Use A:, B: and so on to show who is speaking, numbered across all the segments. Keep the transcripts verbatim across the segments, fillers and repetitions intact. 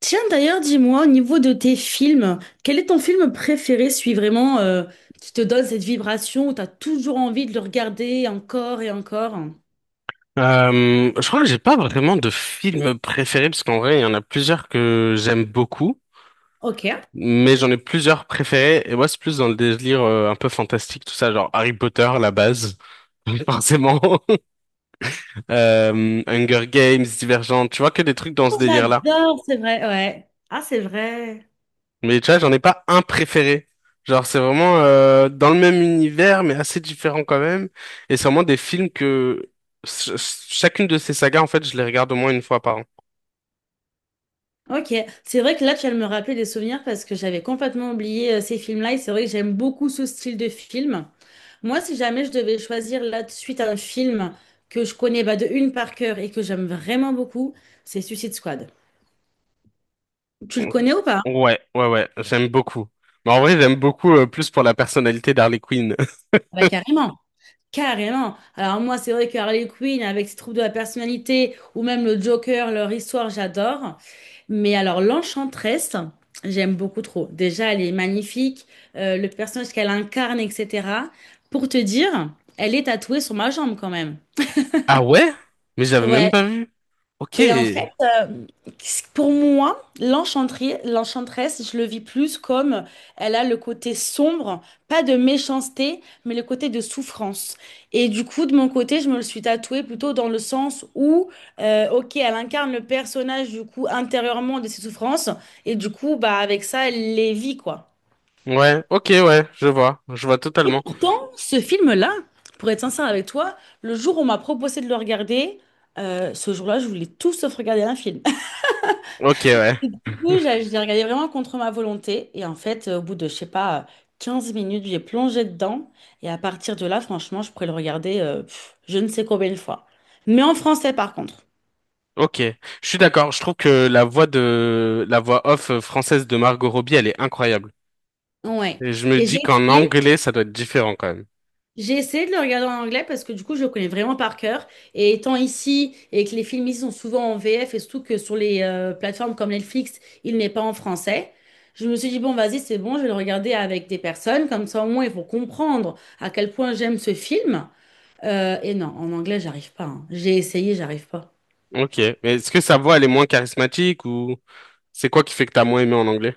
A: Tiens, d'ailleurs, dis-moi, au niveau de tes films, quel est ton film préféré, celui vraiment euh, qui te donne cette vibration où tu as toujours envie de le regarder encore et encore?
B: Euh, je crois que j'ai pas vraiment de film préféré parce qu'en vrai il y en a plusieurs que j'aime beaucoup,
A: Ok.
B: mais j'en ai plusieurs préférés et moi c'est plus dans le délire euh, un peu fantastique tout ça genre Harry Potter la base forcément, euh, Hunger Games, Divergent, tu vois que des trucs dans ce
A: Oh,
B: délire là.
A: j'adore, c'est vrai, ouais. Ah, c'est vrai.
B: Mais tu vois j'en ai pas un préféré, genre c'est vraiment euh, dans le même univers mais assez différent quand même et c'est vraiment des films que ch- ch- chacune de ces sagas en fait je les regarde au moins une fois par
A: Ok, c'est vrai que là, tu vas me rappeler des souvenirs parce que j'avais complètement oublié euh, ces films-là, et c'est vrai que j'aime beaucoup ce style de film. Moi, si jamais je devais choisir là de suite un film que je connais bah, de une par cœur et que j'aime vraiment beaucoup, c'est Suicide Squad. Tu
B: an.
A: le connais ou pas?
B: Ouais, ouais, ouais, j'aime beaucoup. Mais en vrai, j'aime beaucoup euh, plus pour la personnalité d'Harley Quinn.
A: Bah, carrément. Carrément. Alors moi, c'est vrai que Harley Quinn, avec ses troubles de la personnalité, ou même le Joker, leur histoire, j'adore. Mais alors l'Enchantresse, j'aime beaucoup trop. Déjà, elle est magnifique, euh, le personnage qu'elle incarne, et cetera. Pour te dire, elle est tatouée sur ma jambe quand même.
B: Ah ouais? Mais j'avais même
A: Ouais,
B: pas vu. Ok.
A: et en fait, euh, pour moi, l'enchanterie- l'enchanteresse, je le vis plus comme elle a le côté sombre, pas de méchanceté, mais le côté de souffrance. Et du coup, de mon côté, je me le suis tatouée plutôt dans le sens où euh, ok, elle incarne le personnage du coup intérieurement de ses souffrances, et du coup, bah avec ça, elle les vit quoi.
B: Ouais, ok, ouais, je vois, je vois
A: Et
B: totalement.
A: pourtant, ce film-là, pour être sincère avec toi, le jour où on m'a proposé de le regarder, euh, ce jour-là, je voulais tout sauf regarder un film.
B: Ok, ouais,
A: Coup, j'ai j'ai regardé vraiment contre ma volonté. Et en fait, euh, au bout de, je sais pas, euh, 15 minutes, j'ai plongé dedans. Et à partir de là, franchement, je pourrais le regarder euh, pff, je ne sais combien de fois. Mais en français, par contre.
B: ok. Je suis d'accord, je trouve que la voix de la voix off euh, française de Margot Robbie, elle est incroyable.
A: Ouais.
B: Et je me
A: Et j'ai
B: dis qu'en
A: essayé.
B: anglais, ça doit être différent quand même.
A: J'ai essayé de le regarder en anglais parce que du coup, je le connais vraiment par cœur. Et étant ici et que les films ici sont souvent en V F, et surtout que sur les euh, plateformes comme Netflix, il n'est pas en français. Je me suis dit, bon, vas-y, c'est bon, je vais le regarder avec des personnes. Comme ça, au moins, ils vont comprendre à quel point j'aime ce film. Euh, et non, en anglais, j'arrive pas, hein. J'ai essayé, j'arrive pas.
B: Ok, mais est-ce que sa voix, elle est moins charismatique ou c'est quoi qui fait que t'as moins aimé en anglais?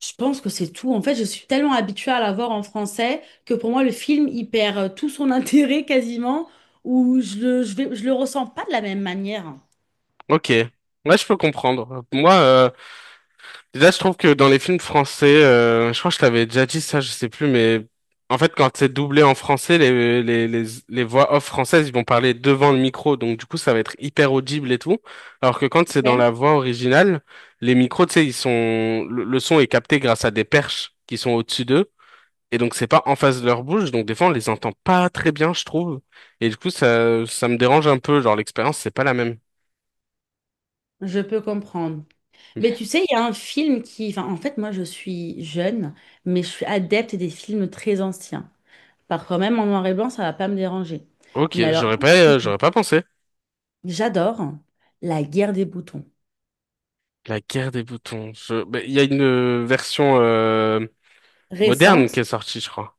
A: Je pense que c'est tout. En fait, je suis tellement habituée à la voir en français que pour moi, le film, il perd euh, tout son intérêt quasiment, ou je le, je vais- je le ressens pas de la même manière.
B: Ok, ouais, je peux comprendre. Moi, euh, déjà, je trouve que dans les films français, euh, je crois que je t'avais déjà dit ça, je sais plus, mais en fait, quand c'est doublé en français, les, les, les, les voix off françaises, ils vont parler devant le micro, donc du coup, ça va être hyper audible et tout. Alors que quand c'est dans
A: Ouais.
B: la voix originale, les micros, tu sais, ils sont, le, le son est capté grâce à des perches qui sont au-dessus d'eux, et donc c'est pas en face de leur bouche, donc des fois, on les entend pas très bien, je trouve. Et du coup, ça, ça me dérange un peu, genre l'expérience, c'est pas la même.
A: Je peux comprendre. Mais tu sais, il y a un film qui... Enfin, en fait, moi, je suis jeune, mais je suis adepte des films très anciens. Parfois même en noir et blanc, ça va pas me déranger.
B: Ok,
A: Mais alors,
B: j'aurais pas, euh, j'aurais pas pensé.
A: j'adore La guerre des boutons.
B: La guerre des boutons. Je... ben, il y a une euh, version euh, moderne
A: Récente.
B: qui est sortie, je crois.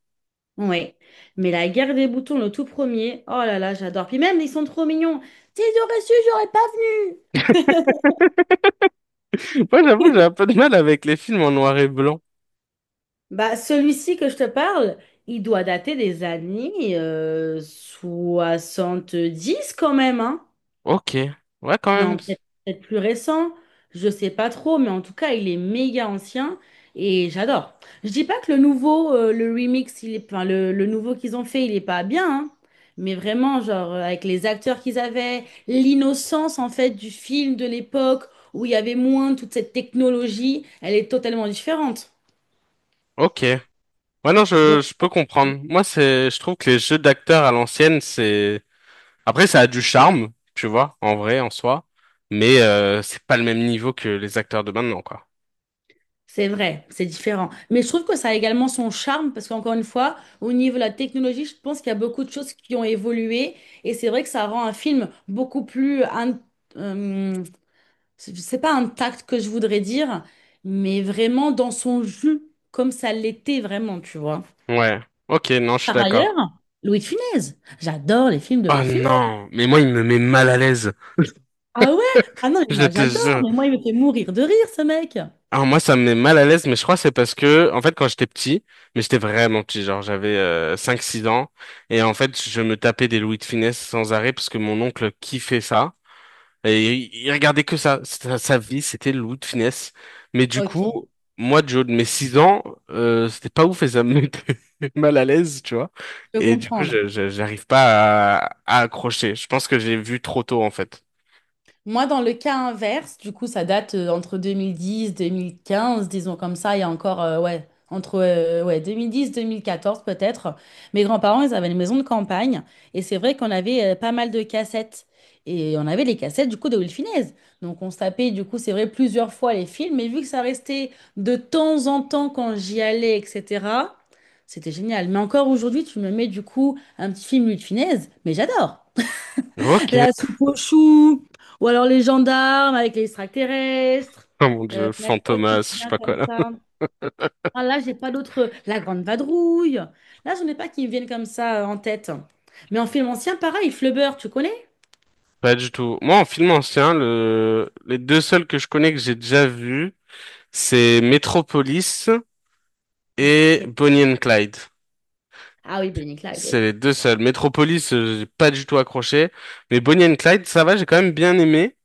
A: Oui, mais la guerre des boutons, le tout premier, oh là là, j'adore. Puis même, ils sont trop mignons. Si j'aurais su, j'aurais pas venu.
B: Moi, j'avoue, j'ai un peu de mal avec les films en noir et blanc.
A: Bah, celui-ci que je te parle, il doit dater des années euh, dix quand même, hein.
B: Ok. Ouais, quand même.
A: Non, peut-être peut-être plus récent, je sais pas trop, mais en tout cas, il est méga ancien et j'adore. Je dis pas que le nouveau, euh, le remix, il est, enfin, le, le nouveau qu'ils ont fait, il est pas bien, hein, mais vraiment, genre, euh, avec les acteurs qu'ils avaient, l'innocence, en fait, du film de l'époque où il y avait moins toute cette technologie, elle est totalement différente.
B: Ok. Ouais, non, je, je peux comprendre. Moi, c'est, je trouve que les jeux d'acteurs à l'ancienne, c'est... Après, ça a du charme, tu vois, en vrai, en soi. Mais euh, c'est pas le même niveau que les acteurs de maintenant, quoi.
A: C'est vrai, c'est différent. Mais je trouve que ça a également son charme parce qu'encore une fois, au niveau de la technologie, je pense qu'il y a beaucoup de choses qui ont évolué, et c'est vrai que ça rend un film beaucoup plus, in- euh, c'est pas intact que je voudrais dire, mais vraiment dans son jus, comme ça l'était vraiment, tu vois.
B: Ouais. Ok, non, je suis
A: Par ailleurs,
B: d'accord.
A: Louis de Funès. J'adore les films de Louis
B: Oh
A: de Funès.
B: non, mais moi, il me met mal à l'aise.
A: Ah ouais? Ah non, mais
B: Je
A: moi
B: te
A: j'adore,
B: jure.
A: mais moi il me fait mourir de rire ce mec.
B: Alors moi, ça me met mal à l'aise, mais je crois que c'est parce que, en fait, quand j'étais petit, mais j'étais vraiment petit, genre j'avais euh, cinq six ans, et en fait, je me tapais des Louis de Funès sans arrêt parce que mon oncle kiffait ça, et il, il regardait que ça, sa, sa vie, c'était le Louis de Funès. Mais du
A: Ok, je
B: coup, moi, Joe, de mes six ans, euh, c'était pas ouf et ça me mettait mal à l'aise, tu vois.
A: peux
B: Et du coup,
A: comprendre.
B: je, je- j'arrive pas à, à accrocher. Je pense que j'ai vu trop tôt, en fait.
A: Moi, dans le cas inverse, du coup, ça date euh, entre deux mille dix, deux mille quinze, disons comme ça, il y a encore, euh, ouais, entre euh, ouais, deux mille dix, deux mille quatorze peut-être. Mes grands-parents, ils avaient une maison de campagne et c'est vrai qu'on avait euh, pas mal de cassettes. Et on avait les cassettes du coup de Will Finesse. Donc on se tapait du coup, c'est vrai, plusieurs fois les films, mais vu que ça restait de temps en temps quand j'y allais, et cetera, c'était génial. Mais encore aujourd'hui, tu me mets du coup un petit film Will Finesse, mais j'adore.
B: Ok,
A: La soupe aux choux, ou alors les gendarmes avec les extraterrestres.
B: oh mon
A: Euh,
B: Dieu,
A: il y a quoi
B: Fantomas,
A: qui
B: je sais
A: vient
B: pas quoi.
A: comme ça? Ah, là, j'ai pas d'autres. La Grande Vadrouille. Là, j'en ai pas qui me viennent comme ça euh, en tête. Mais en film ancien, pareil, Flubber, tu connais?
B: Pas du tout. Moi, en film ancien, le... les deux seuls que je connais que j'ai déjà vus, c'est Metropolis et
A: Ok.
B: Bonnie and Clyde.
A: Ah oui, Bonnie et Clyde,
B: C'est
A: oui.
B: les deux seuls. Metropolis, euh, j'ai pas du tout accroché. Mais Bonnie and Clyde, ça va, j'ai quand même bien aimé.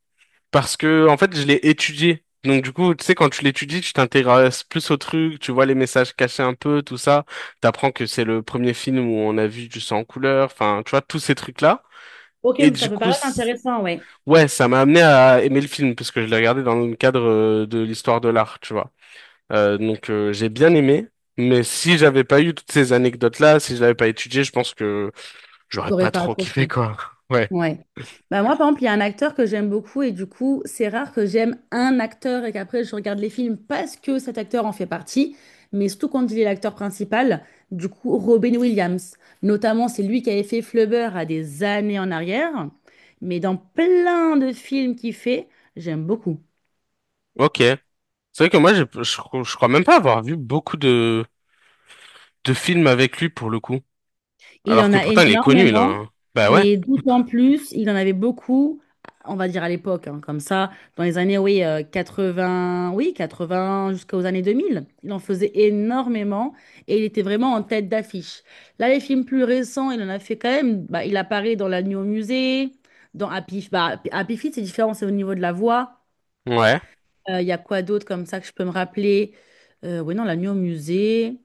B: Parce que, en fait, je l'ai étudié. Donc, du coup, tu sais, quand tu l'étudies, tu t'intéresses plus au truc, tu vois les messages cachés un peu, tout ça. T'apprends que c'est le premier film où on a vu du sang en couleur. Enfin, tu vois, tous ces trucs-là.
A: Ok,
B: Et
A: ça
B: du
A: peut
B: coup,
A: paraître
B: c-
A: intéressant, ouais.
B: ouais, ça m'a amené à aimer le film parce que je l'ai regardé dans le cadre euh, de l'histoire de l'art, tu vois. Euh, donc euh, j'ai bien aimé, mais si j'avais pas eu toutes ces anecdotes-là, si je l'avais pas étudié, je pense que j'aurais
A: T'aurais
B: pas
A: pas
B: trop kiffé
A: accroché.
B: quoi. Ouais.
A: Ouais. Bah moi, par exemple, il y a un acteur que j'aime beaucoup, et du coup, c'est rare que j'aime un acteur et qu'après je regarde les films parce que cet acteur en fait partie, mais surtout quand il est l'acteur principal, du coup, Robin Williams. Notamment, c'est lui qui avait fait Flubber à des années en arrière, mais dans plein de films qu'il fait, j'aime beaucoup.
B: Ok. C'est vrai que moi, j'ai- je, cro- je crois même pas avoir vu beaucoup de de films avec lui pour le coup.
A: Il
B: Alors
A: en
B: que
A: a
B: pourtant il est connu là,
A: énormément,
B: hein. Bah ouais.
A: mais d'autant plus, il en avait beaucoup, on va dire à l'époque, hein, comme ça, dans les années, oui, euh, quatre-vingt, oui, quatre-vingt jusqu'aux années deux mille, il en faisait énormément et il était vraiment en tête d'affiche. Là, les films plus récents, il en a fait quand même, bah, il apparaît dans La Nuit au musée, dans Happy, bah, Happy Feet, c'est différent, c'est au niveau de la voix.
B: Ouais.
A: Euh, Il y a quoi d'autre comme ça que je peux me rappeler? Euh, oui, non, La Nuit au musée.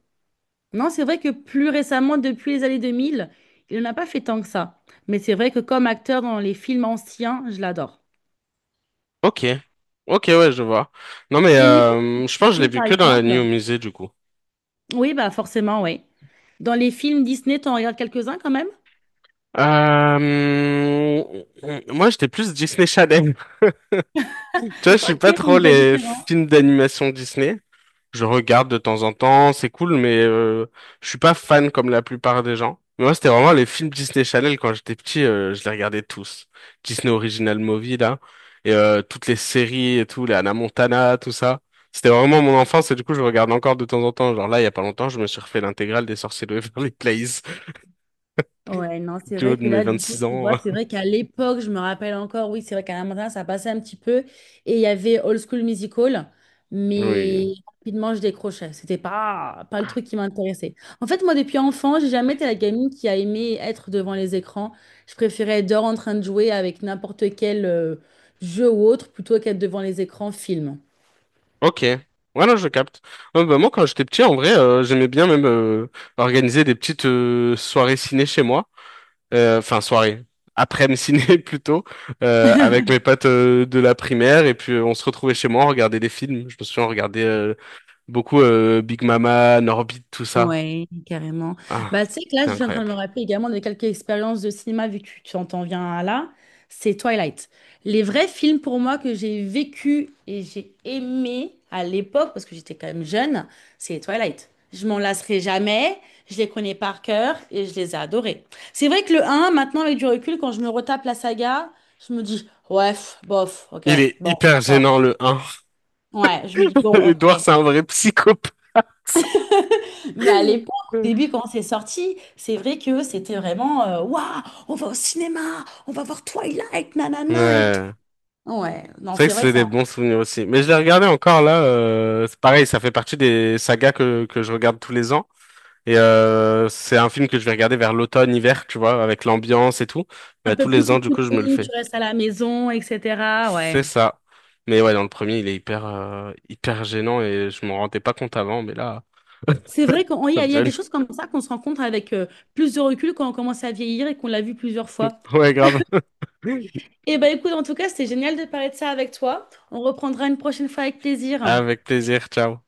A: Non, c'est vrai que plus récemment, depuis les années deux mille, il n'en a pas fait tant que ça. Mais c'est vrai que comme acteur dans les films anciens, je l'adore.
B: Ok. Ok, ouais, je vois. Non mais
A: Au niveau
B: euh, je pense que je l'ai
A: Disney,
B: vu
A: par
B: que dans la nuit
A: exemple,
B: au musée du coup.
A: oui, bah forcément, oui. Dans les films Disney, t'en regardes quelques-uns quand même?
B: Euh, moi, j'étais plus Disney Channel. Tu vois, je suis
A: Ok,
B: pas
A: on
B: trop
A: me dit
B: les
A: la.
B: films d'animation Disney. Je regarde de temps en temps, c'est cool, mais euh, je suis pas fan comme la plupart des gens. Mais moi, c'était vraiment les films Disney Channel quand j'étais petit, euh, je les regardais tous. Disney Original Movie là, et euh, toutes les séries et tout, les Hannah Montana, tout ça. C'était vraiment mon enfance et du coup, je regarde encore de temps en temps. Genre là, il y a pas longtemps, je me suis refait l'intégrale des Sorciers de Waverly Place.
A: Ouais, non, c'est
B: Du haut
A: vrai
B: de
A: que
B: mes
A: là, du coup,
B: vingt-six
A: tu
B: ans.
A: vois, c'est vrai qu'à l'époque, je me rappelle encore, oui, c'est vrai qu'à la matin, ça passait un petit peu, et il y avait Old School Musical, mais
B: Oui.
A: rapidement, je décrochais. C'était pas, pas le truc qui m'intéressait. En fait, moi, depuis enfant, j'ai jamais été la gamine qui a aimé être devant les écrans. Je préférais être dehors en train de jouer avec n'importe quel euh, jeu ou autre, plutôt qu'être devant les écrans film.
B: Ok. Ouais, non, je capte. Ouais, bah, moi, quand j'étais petit, en vrai, euh, j'aimais bien même euh, organiser des petites euh, soirées ciné chez moi. Euh, Enfin, soirée. Après-midi ciné, plutôt. Euh, avec mes potes euh, de la primaire. Et puis, euh, on se retrouvait chez moi, on regardait des films. Je me souviens, on regardait euh, beaucoup euh, Big Mama, Norbit, tout ça.
A: Ouais, carrément.
B: Ah,
A: Bah, tu sais que là,
B: c'est
A: je suis en train de
B: incroyable.
A: me rappeler également de quelques expériences de cinéma vécues. Tu en t'en viens à là, c'est Twilight. Les vrais films pour moi que j'ai vécu et j'ai aimé à l'époque, parce que j'étais quand même jeune, c'est Twilight. Je m'en lasserai jamais, je les connais par cœur et je les ai adorés. C'est vrai que le un, maintenant avec du recul, quand je me retape la saga, je me dis, ouais, pff, bof, ok,
B: Il est
A: bon,
B: hyper
A: d'accord.
B: gênant, le un.
A: Ouais, je me dis, bon,
B: Edouard,
A: ok.
B: c'est un vrai psychopathe.
A: Mais à l'époque, au début, quand c'est sorti, c'est vrai que c'était vraiment euh, Waouh, on va au cinéma, on va voir Twilight, nanana et tout.
B: Ouais.
A: Ouais, non,
B: C'est vrai
A: c'est
B: que
A: vrai
B: c'est
A: que c'est
B: des
A: un
B: bons souvenirs aussi. Mais je l'ai regardé encore là, euh, c'est pareil, ça fait partie des sagas que, que je regarde tous les ans. Et euh, c'est un film que je vais regarder vers l'automne, hiver, tu vois, avec l'ambiance et tout.
A: un
B: Bah,
A: peu
B: tous
A: plus
B: les ans, du coup, je me le
A: cocooning, tu
B: fais.
A: restes à la maison, et cetera.
B: C'est
A: Ouais.
B: ça. Mais ouais, dans le premier, il est hyper, euh, hyper gênant et je m'en rendais pas compte avant, mais là,
A: C'est vrai qu'il y
B: ça
A: a,
B: me
A: il y a des
B: gêne.
A: choses comme ça qu'on se rend compte avec euh, plus de recul quand on commence à vieillir et qu'on l'a vu plusieurs fois.
B: Ouais, grave.
A: Eh ben écoute, en tout cas, c'était génial de parler de ça avec toi. On reprendra une prochaine fois avec plaisir.
B: Avec plaisir, ciao.